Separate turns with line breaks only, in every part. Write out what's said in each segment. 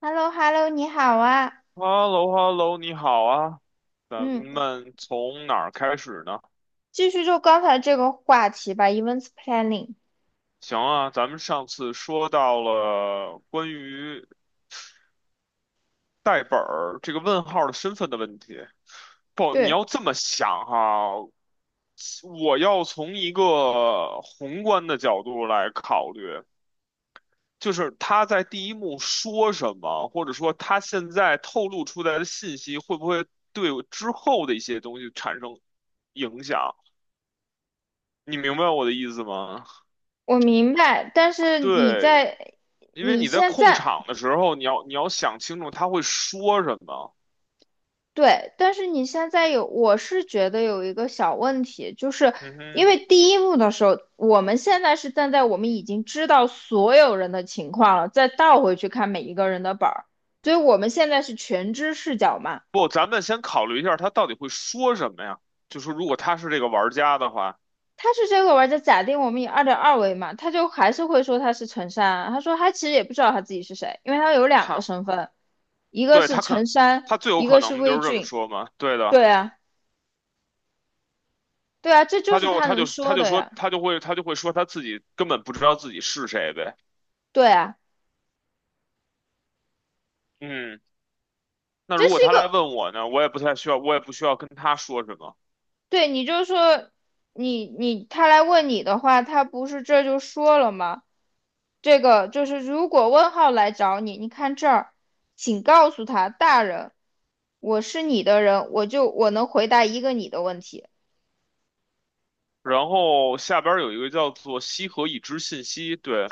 h e l l o h e l l o 你好啊，
h e l l o h e l l o 你好啊，咱
嗯，
们从哪儿开始呢？
继续就刚才这个话题吧，events planning。
行啊，咱们上次说到了关于代本儿这个问号的身份的问题。不，你
对，
要这么想哈，我要从一个宏观的角度来考虑，就是他在第一幕说什么，或者说他现在透露出来的信息会不会对我之后的一些东西产生影响？你明白我的意思吗？
我明白，但是你
对，
在，
因为
你
你在
现
控
在，
场的时候，你要想清楚他会说什么。
对，但是你现在有，我是觉得有一个小问题，就是
嗯
因
哼，
为第一幕的时候，我们现在是站在我们已经知道所有人的情况了，再倒回去看每一个人的本儿，所以我们现在是全知视角嘛。
不，咱们先考虑一下他到底会说什么呀？就是如果他是这个玩家的话，
他是这个玩家假定我们以2.2为嘛，他就还是会说他是陈山。他说他其实也不知道他自己是谁，因为他有两个
他
身份，一个
对
是
他可
陈山，
他最有
一
可
个是
能就
微
是这么
俊。
说嘛。对的，
对啊，对啊，这就是他能说的呀。
他就会说他自己根本不知道自己是谁呗。
对啊，
嗯，那
这
如果
是一
他来
个，
问我呢，我也不需要跟他说什么。
对，你就说你他来问你的话，他不是这就说了吗？这个就是如果问号来找你，你看这儿，请告诉他，大人，我是你的人，我能回答一个你的问题。
然后下边儿有一个叫做"西河已知信息"，对，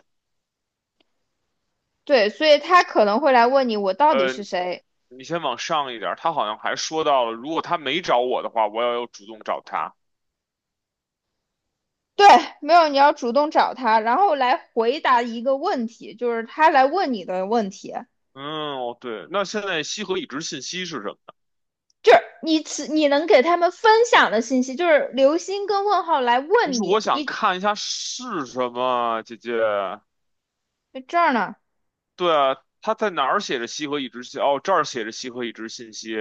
对，所以他可能会来问你我到底
呃，
是谁。
你先往上一点儿，他好像还说到了，如果他没找我的话，我要有主动找他。
对，没有，你要主动找他，然后来回答一个问题，就是他来问你的问题，
嗯，哦，对，那现在西河已知信息是什么呢？
就是你能给他们分享的信息，就是流星跟问号来
就是
问
我
你，
想
你
看一下是什么，姐姐。
在这儿呢，
对啊，他在哪儿写着西河已知信？哦，这儿写着西河已知信息。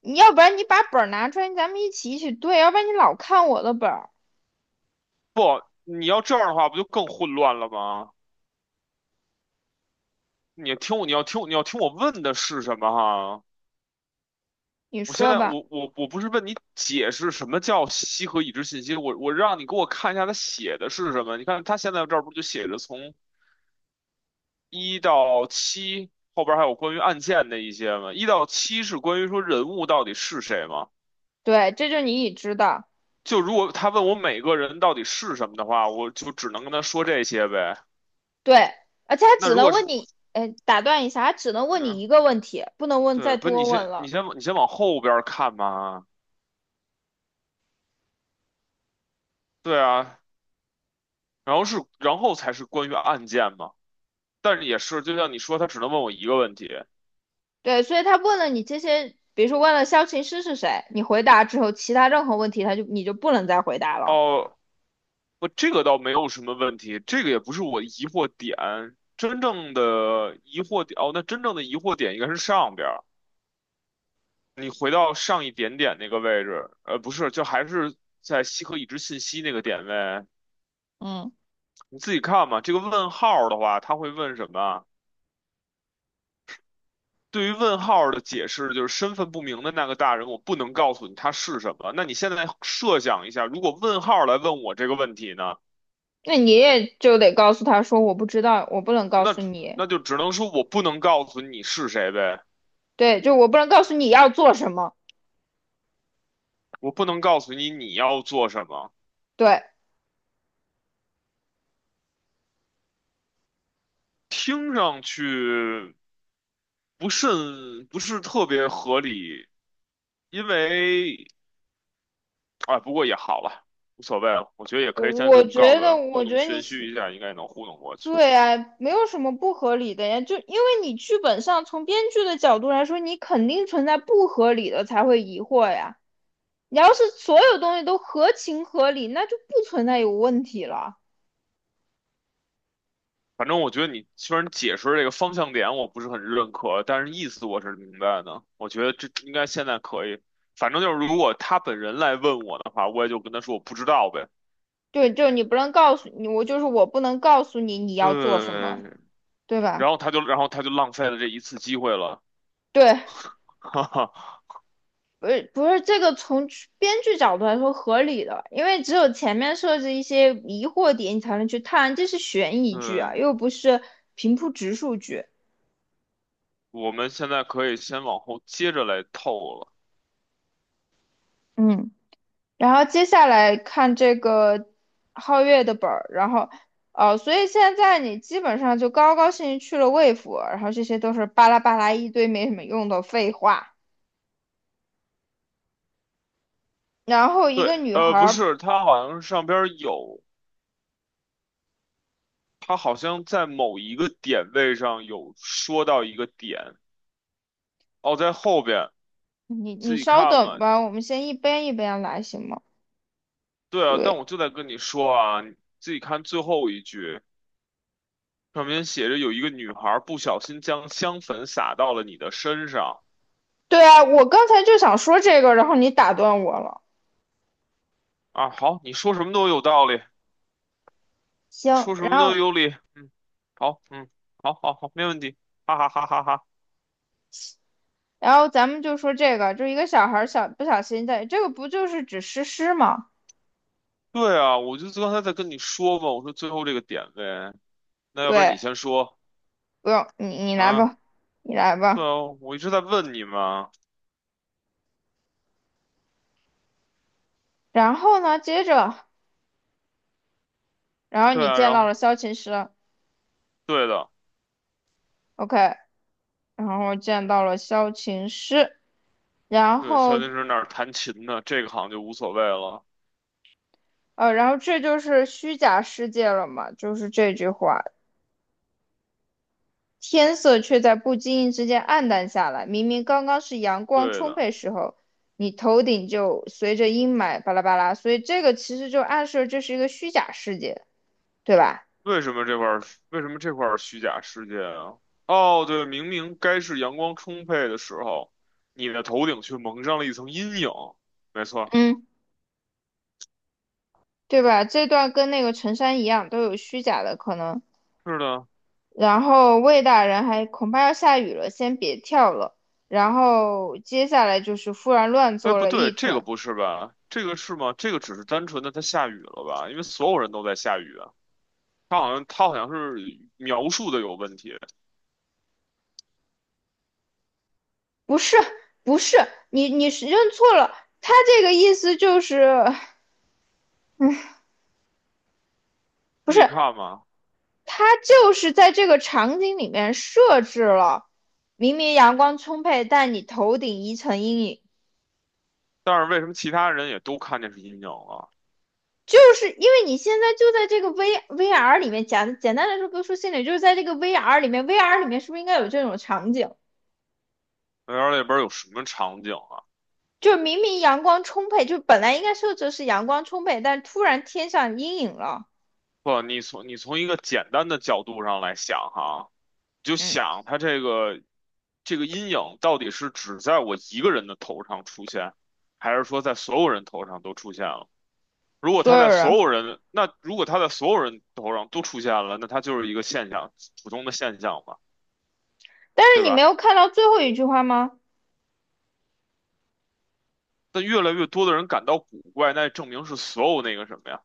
你要不然你把本儿拿出来，咱们一起对，要不然你老看我的本儿，
不，你要这样的话，不就更混乱了吗？你听我，你要听我问的是什么哈？
你
我现
说
在
吧。
我我我不是问你解释什么叫西和已知信息，我让你给我看一下他写的是什么。你看他现在这儿不就写着从一到七后边还有关于案件的一些吗？一到七是关于说人物到底是谁吗？
对，这就是你已知的，
就如果他问我每个人到底是什么的话，我就只能跟他说这些呗。
对，而且他
那
只
如
能
果是
问你，哎，打断一下，他只能问你
嗯，
一个问题，不能问
对，
再
不，是
多问了。
你先往后边儿看嘛。对啊，然后才是关于案件嘛。但是也是，就像你说，他只能问我一个问题。
对，所以他问了你这些，比如说问了萧琴师是谁，你回答之后，其他任何问题你就不能再回答了。
哦，不，这个倒没有什么问题，这个也不是我疑惑点。哦，那真正的疑惑点应该是上边儿，你回到上一点点那个位置，呃，不是，就还是在西河已知信息那个点位，
嗯，
你自己看嘛。这个问号的话，他会问什么？对于问号的解释就是身份不明的那个大人，我不能告诉你他是什么。那你现在设想一下，如果问号来问我这个问题呢，
那你也就得告诉他说我不知道，我不能告诉你。
那就只能说我不能告诉你是谁呗。
对，就我不能告诉你要做什么。
我不能告诉你你要做什么，
对，
听上去不是特别合理，因为啊，不过也好了，无所谓了，我觉得也
我
可以先这
我
么告
觉
诉他，
得，我
糊
觉
弄
得你
玄虚一下，应该能糊弄过去。
对啊，没有什么不合理的呀。就因为你剧本上从编剧的角度来说，你肯定存在不合理的才会疑惑呀。你要是所有东西都合情合理，那就不存在有问题了。
反正我觉得你虽然解释这个方向点我不是很认可，但是意思我是明白的。我觉得这应该现在可以。反正就是如果他本人来问我的话，我也就跟他说我不知道呗。
对，就是你不能告诉你，我就是我不能告诉你你要做什
对，
么，对吧？
然后他就浪费了这一次机会了，
对，
哈哈。
不是不是这个从编剧角度来说合理的，因为只有前面设置一些疑惑点，你才能去探，这是悬疑剧
对，
啊，又不是平铺直述剧。
我们现在可以先往后接着来透了。
嗯，然后接下来看这个皓月的本儿，然后哦，所以现在你基本上就高高兴兴去了魏府，然后这些都是巴拉巴拉一堆没什么用的废话。然后一
对，
个女
呃，不
孩
是，它好像是上边儿有，它好像在某一个点位上有说到一个点，哦，在后边
你
自己
稍
看
等
吧。
吧，我们先一边一边来，行吗？
对啊，
对
但我就在跟你说啊，你自己看最后一句，上面写着有一个女孩不小心将香粉洒到了你的身上
对啊，我刚才就想说这个，然后你打断我了。
啊。好，你说什么都有道理，
行，
说什
然
么都
后
有理。嗯，好，嗯，好好好，没问题，哈哈哈哈哈。
然后咱们就说这个，就一个小孩儿小不小心在，这个不就是指诗诗吗？
对啊，我就刚才在跟你说嘛，我说最后这个点位，那要不然
对，
你先说
不用你来
啊？
吧，你来
对
吧。
啊，我一直在问你嘛。
然后呢，接着，然后
对
你
啊，
见
然
到
后
了萧琴师
对的，
，OK，然后见到了萧琴师，然
对，萧敬
后
腾那儿弹琴呢，这个好像就无所谓了。
然后这就是虚假世界了嘛，就是这句话。天色却在不经意之间暗淡下来。明明刚刚是阳光
对
充
的，
沛时候，你头顶就随着阴霾巴拉巴拉，所以这个其实就暗示这是一个虚假世界，对吧？
为什么这块儿为什么这块儿虚假世界啊？哦，对，明明该是阳光充沛的时候，你的头顶却蒙上了一层阴影。没错，
嗯，对吧？这段跟那个陈山一样，都有虚假的可能。
是的。
然后魏大人还恐怕要下雨了，先别跳了。然后接下来就是忽然乱
哎，
作
不
了
对，
一
这个
团，
不是吧？这个是吗？这个只是单纯的它下雨了吧？因为所有人都在下雨。他好像是描述的有问题，
不是不是，你是认错了，他这个意思就是不
自
是
己看吧。
他就是在这个场景里面设置了，明明阳光充沛，但你头顶一层阴影，
但是为什么其他人也都看见是阴影了？
就是因为你现在就在这个 VR 里面，简单来说，不说心理，就是在这个 VR 里面，VR 里面是不是应该有这种场景？
那边有什么场景啊？
就明明阳光充沛，就本来应该设置是阳光充沛，但突然天上阴影了，
不，你从一个简单的角度上来想哈，你就
嗯，
想他这个阴影到底是只在我一个人的头上出现，还是说在所有人头上都出现了？如果
所
他在
有人，
所有人，那如果他在所有人头上都出现了，那他就是一个现象，普通的现象嘛，
但是
对
你没
吧？
有看到最后一句话吗？
但越来越多的人感到古怪，那证明是所有那个什么呀？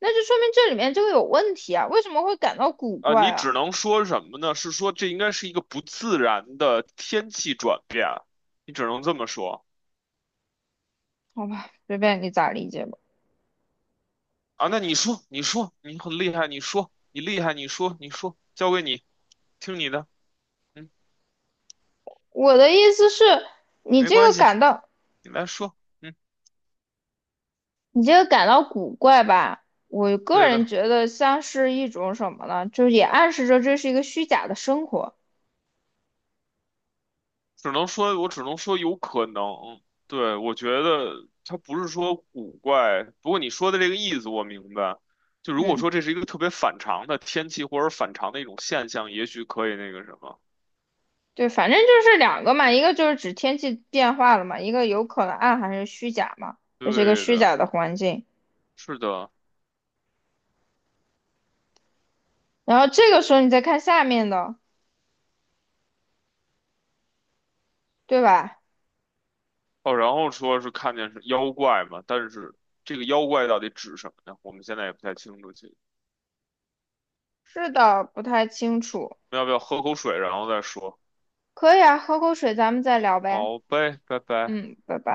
那就说明这里面这个有问题啊，为什么会感到古
啊、
怪
你
啊？
只能说什么呢？是说这应该是一个不自然的天气转变啊，你只能这么说
好吧，随便你咋理解吧。
啊。那你说，你说，你很厉害，你说，你厉害，你说，你说，交给你，听你的，嗯，
我的意思是，你
没
这
关
个
系，
感到
你来说，嗯，
你这个感到古怪吧？我个
对
人
的。
觉得像是一种什么呢？就是也暗示着这是一个虚假的生活。
只能说，我只能说有可能。对，我觉得它不是说古怪，不过你说的这个意思我明白。就如果
嗯，
说这是一个特别反常的天气或者反常的一种现象，也许可以那个什么。
对，反正就是两个嘛，一个就是指天气变化了嘛，一个有可能暗含是虚假嘛，这是一个
对
虚
的，
假的环境。
是的。
然后这个时候你再看下面的，对吧？
哦，然后说是看见是妖怪嘛，但是这个妖怪到底指什么呢？我们现在也不太清楚。其实
是的，不太清楚。
要不要喝口水，然后再说？
可以啊，喝口水，咱们再聊呗。
好呗，拜拜。
嗯，拜拜。